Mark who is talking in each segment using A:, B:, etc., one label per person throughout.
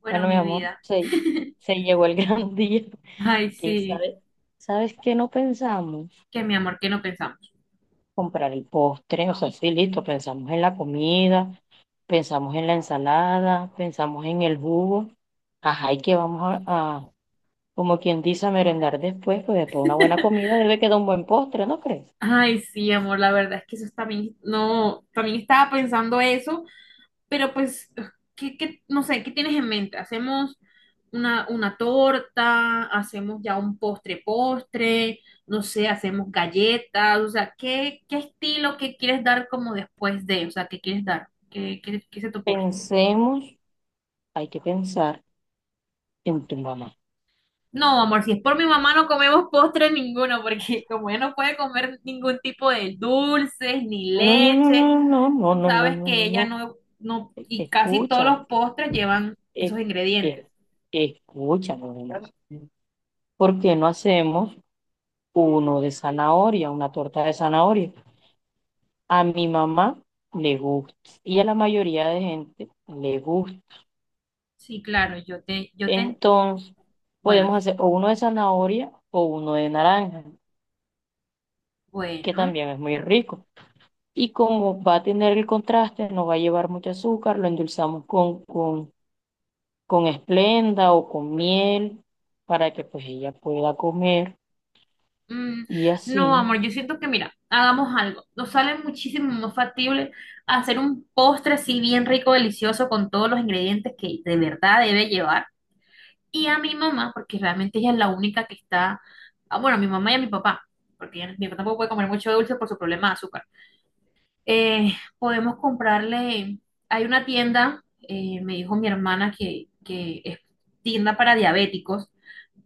A: Bueno,
B: Bueno, mi
A: mi
B: amor,
A: vida.
B: se llegó el gran día.
A: Ay,
B: ¿Y
A: sí.
B: sabes, sabes qué no pensamos?
A: Que mi amor, que no pensamos.
B: Comprar el postre, o sea, sí, listo, pensamos en la comida, pensamos en la ensalada, pensamos en el jugo. Ajá, y que vamos como quien dice, a merendar después, pues después de una buena comida debe quedar un buen postre, ¿no crees?
A: Ay, sí, amor, la verdad es que eso también, no, también estaba pensando eso, pero pues, no sé, ¿qué tienes en mente? ¿Hacemos una torta? ¿Hacemos ya un postre postre? No sé, ¿hacemos galletas? O sea, ¿qué estilo que quieres dar como después de? O sea, ¿qué quieres dar? ¿Qué se te ocurre?
B: Pensemos, hay que pensar en tu mamá.
A: No, amor, si es por mi mamá no comemos postre ninguno, porque como ella no puede comer ningún tipo de dulces ni
B: No, no, no, no,
A: leche,
B: no, no,
A: tú
B: no, no, no,
A: sabes
B: no,
A: que
B: no,
A: ella
B: no.
A: no, no, y casi todos
B: Escucha.
A: los postres llevan esos
B: Eh,
A: ingredientes.
B: eh, escúchame, Brenda, ¿por qué no hacemos uno de zanahoria, una torta de zanahoria? A mi mamá le gusta y a la mayoría de gente le gusta.
A: Sí, claro, yo te,
B: Entonces,
A: bueno,
B: podemos hacer o uno de zanahoria o uno de naranja, que
A: bueno.
B: también es muy rico. Y como va a tener el contraste, no va a llevar mucho azúcar, lo endulzamos con esplenda o con miel para que pues ella pueda comer
A: mm,
B: y
A: no,
B: así.
A: amor, yo siento que mira, hagamos algo. Nos sale muchísimo más factible hacer un postre así bien rico, delicioso, con todos los ingredientes que de verdad debe llevar y a mi mamá, porque realmente ella es la única que está, ah, bueno, a mi mamá y a mi papá, porque mi papá tampoco puede comer mucho dulce por su problema de azúcar. Eh, Podemos comprarle, hay una tienda, me dijo mi hermana que es tienda para diabéticos,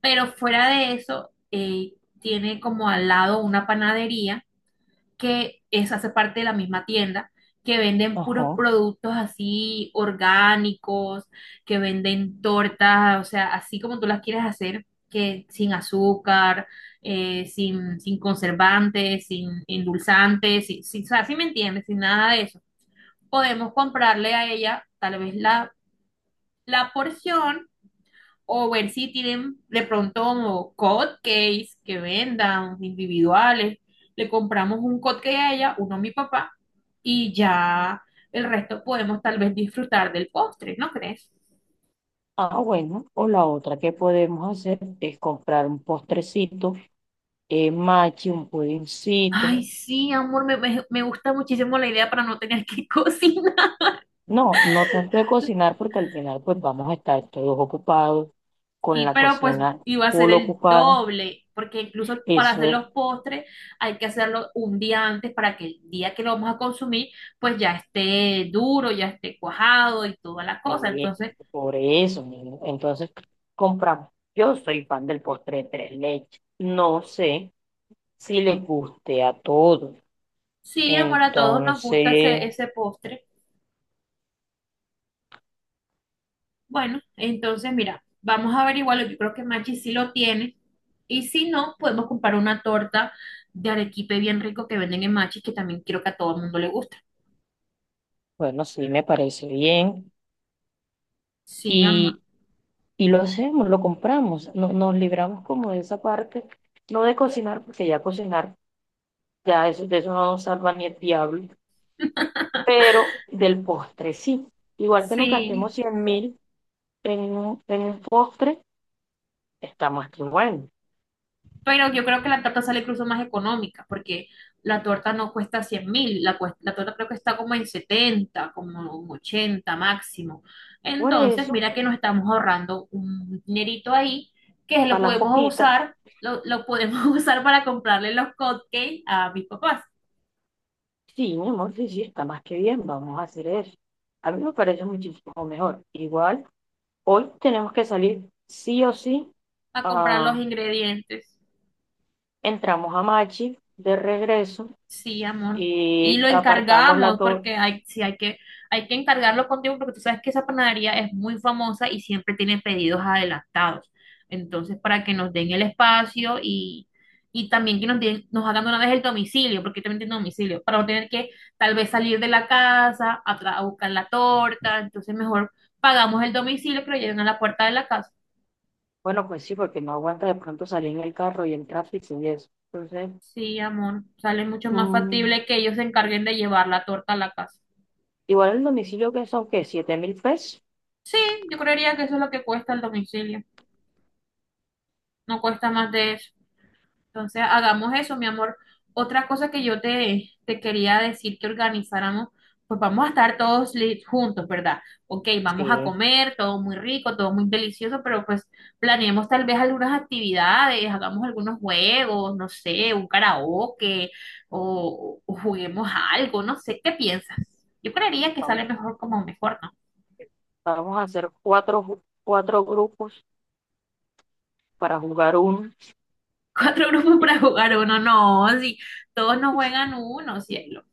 A: pero fuera de eso, tiene como al lado una panadería que es, hace parte de la misma tienda, que venden puros
B: Ajá.
A: productos así orgánicos, que venden tortas, o sea, así como tú las quieres hacer, que sin azúcar, sin conservantes, sin endulzantes, o sea, si me entiendes, sin nada de eso. Podemos comprarle a ella tal vez la porción o ver si tienen de pronto como cupcakes que vendan individuales. Le compramos un cupcake a ella, uno a mi papá, y ya el resto podemos tal vez disfrutar del postre, ¿no crees?
B: Ah, bueno, o la otra que podemos hacer es comprar un postrecito, machi, un
A: Ay,
B: pudincito.
A: sí, amor, me gusta muchísimo la idea para no tener que cocinar.
B: No, no tanto de cocinar porque al final pues vamos a estar todos ocupados con
A: Sí,
B: la
A: pero pues
B: cocina
A: iba a ser
B: full
A: el
B: ocupada.
A: doble, porque incluso para
B: Eso
A: hacer
B: es,
A: los postres hay que hacerlo un día antes para que el día que lo vamos a consumir pues ya esté duro, ya esté cuajado y toda la cosa.
B: eh,
A: Entonces,
B: por eso, niño. Entonces compramos. Yo soy fan del postre de tres leches. No sé si les guste a todos.
A: sí, amor, a todos nos gusta
B: Entonces,
A: ese postre. Bueno, entonces mira, vamos a averiguarlo. Yo creo que Machi sí lo tiene. Y si no, podemos comprar una torta de arequipe bien rico que venden en Machi, que también creo que a todo el mundo le gusta.
B: bueno, sí me parece bien.
A: Sí, amor.
B: Y Y lo hacemos, lo compramos, no, nos libramos como de esa parte, no de cocinar, porque ya cocinar, ya eso, de eso no nos salva ni el diablo, pero del postre sí. Igual que nos
A: Sí.
B: gastemos 100.000 en, en un postre, está más que bueno.
A: Pero yo creo que la torta sale incluso más económica, porque la torta no cuesta 100.000, la torta creo que está como en 70 como en 80 máximo.
B: Por
A: Entonces,
B: eso,
A: mira que nos estamos ahorrando un dinerito ahí, que lo
B: para la
A: podemos
B: coquita,
A: usar, lo podemos usar para comprarle los cupcakes a mis papás,
B: sí, mi amor, sí, sí, está más que bien, vamos a hacer eso. A mí me parece muchísimo mejor. Igual, hoy tenemos que salir sí o sí,
A: a comprar los
B: ah,
A: ingredientes.
B: entramos a Machi de regreso
A: Sí, amor. Y
B: y
A: lo
B: apartamos la
A: encargamos
B: torre.
A: porque sí, hay que encargarlo contigo porque tú sabes que esa panadería es muy famosa y siempre tiene pedidos adelantados. Entonces, para que nos den el espacio y, también que nos hagan de una vez el domicilio, porque también tiene domicilio, para no tener que tal vez salir de la casa a buscar la torta. Entonces, mejor pagamos el domicilio que lo lleven a la puerta de la casa.
B: Bueno, pues sí, porque no aguanta de pronto salir en el carro y el tráfico y eso. Entonces,
A: Sí, amor. Sale mucho más
B: mm,
A: factible que ellos se encarguen de llevar la torta a la casa.
B: igual el domicilio que son, ¿qué? ¿7.000 pesos?
A: Sí, yo creería que eso es lo que cuesta el domicilio, no cuesta más de eso. Entonces, hagamos eso, mi amor. Otra cosa que yo te quería decir que organizáramos, pues vamos a estar todos juntos, ¿verdad? Ok, vamos a
B: Sí,
A: comer, todo muy rico, todo muy delicioso, pero pues planeemos tal vez algunas actividades, hagamos algunos juegos, no sé, un karaoke o juguemos algo, no sé, ¿qué piensas? Yo creería que sale
B: vamos,
A: mejor como mejor, ¿no?
B: vamos a hacer cuatro, cuatro grupos para jugar uno.
A: Cuatro grupos para jugar uno, no, si todos no juegan uno, cielo.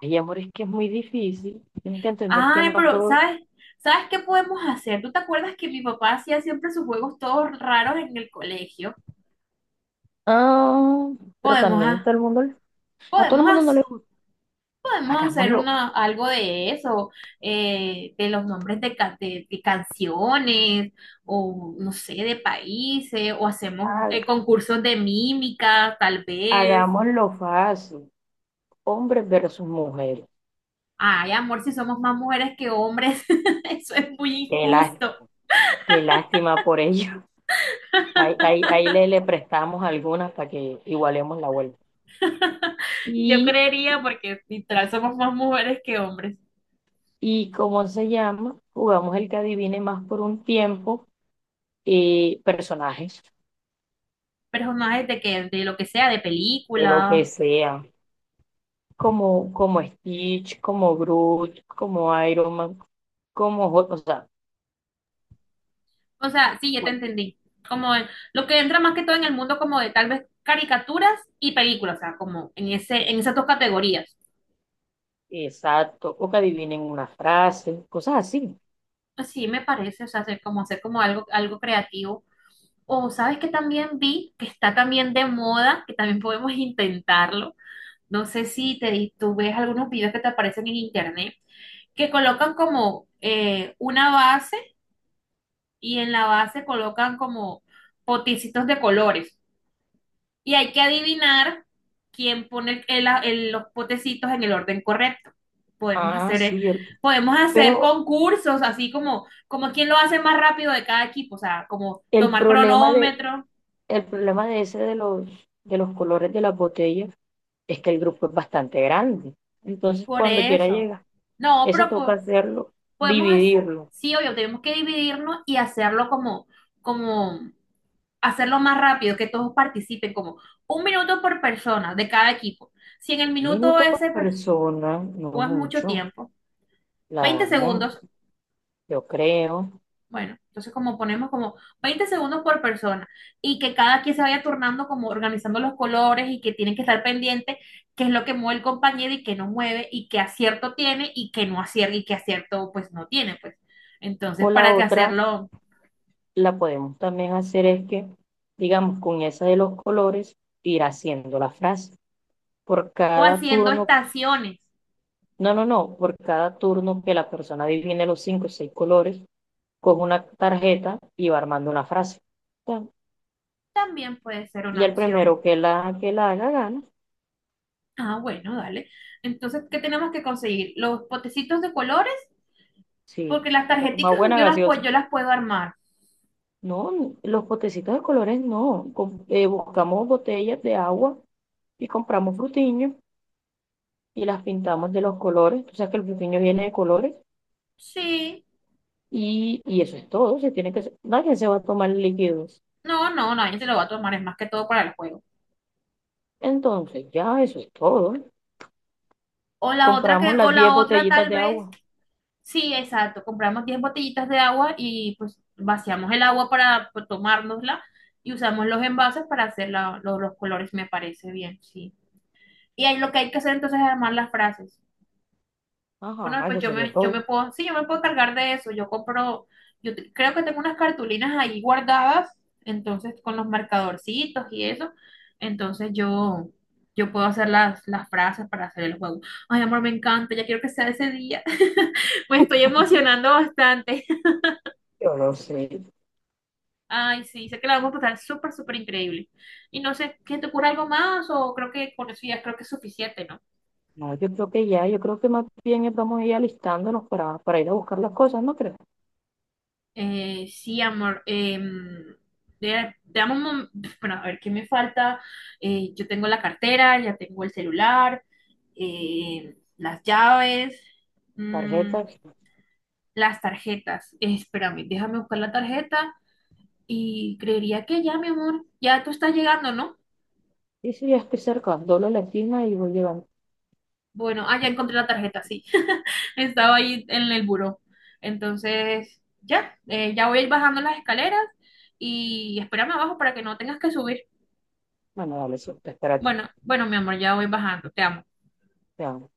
B: Ay, amor, es que es muy difícil. Tienes que entender que
A: Ay,
B: no
A: pero
B: todo...
A: ¿sabes? ¿Sabes qué podemos hacer? ¿Tú te acuerdas que mi papá hacía siempre sus juegos todos raros en el colegio?
B: Ah, pero
A: Podemos,
B: también a
A: ha-
B: todo el mundo, a todo el
A: podemos,
B: mundo
A: hac-
B: no le gusta.
A: podemos hacer
B: Hagámoslo,
A: algo de eso, de los nombres de canciones, o no sé, de países, o hacemos
B: ha-
A: concursos de mímica, tal vez.
B: hagámoslo fácil. Hombres versus mujeres.
A: Ay, amor, si somos más mujeres que hombres, eso es muy
B: Qué lá-
A: injusto.
B: qué lástima por ellos. Ahí, ahí, ahí le, le prestamos algunas para que igualemos la vuelta.
A: Yo
B: Y,
A: creería porque literal somos más mujeres que hombres.
B: y ¿cómo se llama? Jugamos el que adivine más por un tiempo, personajes,
A: Pero personajes de que, de lo que sea, de
B: de lo que
A: películas.
B: sea, como, como Stitch, como Groot, como Iron Man, como Hulk, o sea,
A: O sea, sí, ya te
B: cualquier-
A: entendí. Como el- lo que entra más que todo en el mundo como de tal vez caricaturas y películas, o sea, como en esas dos categorías.
B: exacto, o que adivinen una frase, cosas así.
A: Pues sí, me parece, o sea, hacer como algo creativo. O sabes que también vi que está también de moda, que también podemos intentarlo. No sé si tú ves algunos videos que te aparecen en internet que colocan como una base y en la base colocan como potecitos de colores. Y hay que adivinar quién pone los potecitos en el orden correcto. Podemos
B: Ah,
A: hacer, eh,
B: sí, el-
A: podemos hacer
B: pero
A: concursos, así como quién lo hace más rápido de cada equipo, o sea, como
B: el
A: tomar
B: problema de,
A: cronómetro,
B: el problema de ese de los colores de las botellas es que el grupo es bastante grande. Entonces,
A: por
B: cuando quiera
A: eso.
B: llega,
A: No,
B: ese
A: pero
B: toca hacerlo,
A: podemos, hac-
B: dividirlo.
A: sí, obvio, tenemos que dividirnos y hacerlo como hacerlo más rápido, que todos participen, como 1 minuto por persona de cada equipo. Si en el
B: Un
A: minuto
B: minuto por
A: ese
B: persona, no
A: o es mucho
B: mucho,
A: tiempo, 20
B: claro,
A: segundos,
B: yo creo.
A: bueno, entonces como ponemos como 20 segundos por persona y que cada quien se vaya turnando como organizando los colores y que tienen que estar pendiente qué es lo que mueve el compañero y qué no mueve y qué acierto tiene y qué no acierta y qué acierto pues no tiene, pues. Entonces,
B: O la
A: para que
B: otra,
A: hacerlo
B: la podemos también hacer es que, digamos, con esa de los colores, ir haciendo la frase. Por
A: o
B: cada
A: haciendo
B: turno,
A: estaciones
B: no, no, no, por cada turno que la persona divine los cinco o seis colores, con una tarjeta y va armando una frase.
A: también puede ser
B: Y
A: una
B: el
A: opción.
B: primero que la haga gana.
A: Ah, bueno, dale. Entonces, ¿qué tenemos que conseguir? Los potecitos de colores,
B: Sí,
A: porque las
B: toca tomar
A: tarjeticas
B: buena
A: yo las, pu-
B: gaseosa.
A: yo las puedo armar.
B: No, los potecitos de colores no. Buscamos botellas de agua y compramos frutiños y las pintamos de los colores. Tú sabes que el frutiño viene de colores
A: Sí.
B: y eso es todo. Se tiene que, nadie se va a tomar líquidos.
A: No, no, nadie se lo va a tomar, es más que todo para el juego.
B: Entonces, ya eso es todo.
A: O la otra que,
B: Compramos
A: o
B: las 10
A: la otra
B: botellitas
A: tal
B: de
A: vez,
B: agua.
A: sí, exacto, compramos 10 botellitas de agua y pues vaciamos el agua para pues, tomárnosla y usamos los envases para hacer los colores, me parece bien, sí. Y ahí lo que hay que hacer entonces es armar las frases. Bueno,
B: Ajá,
A: pues
B: eso
A: yo
B: sería
A: me, yo me
B: todo.
A: puedo, sí, yo me puedo cargar de eso. Yo compro, creo que tengo unas cartulinas ahí guardadas, entonces con los marcadorcitos y eso. Entonces yo puedo hacer las frases para hacer el juego. Ay, amor, me encanta, ya quiero que sea ese día. Me estoy emocionando bastante.
B: Yo no sé.
A: Ay, sí, sé que la vamos a pasar súper, súper increíble. Y no sé, ¿qué te ocurre algo más? O creo que con eso ya creo que es suficiente, ¿no?
B: No, yo creo que ya, yo creo que más bien vamos a ir alistándonos para ir a buscar las cosas, ¿no crees?
A: Sí, amor. Dame bueno, a ver qué me falta. Yo tengo la cartera, ya tengo el celular, las llaves, mm,
B: Tarjetas,
A: las tarjetas. Espérame, déjame buscar la tarjeta y creería que ya, mi amor, ya tú estás llegando, ¿no?
B: sí, sí, ya estoy cerca. Doblo la esquina y voy llegando.
A: Bueno, ah, ya encontré la tarjeta, sí. Estaba ahí en el buró. Entonces, ya voy a ir bajando las escaleras y espérame abajo para que no tengas que subir.
B: Bueno, dale, sí, te espero aquí.
A: Bueno, bueno, mi amor, ya voy bajando. Te amo.
B: Te amo.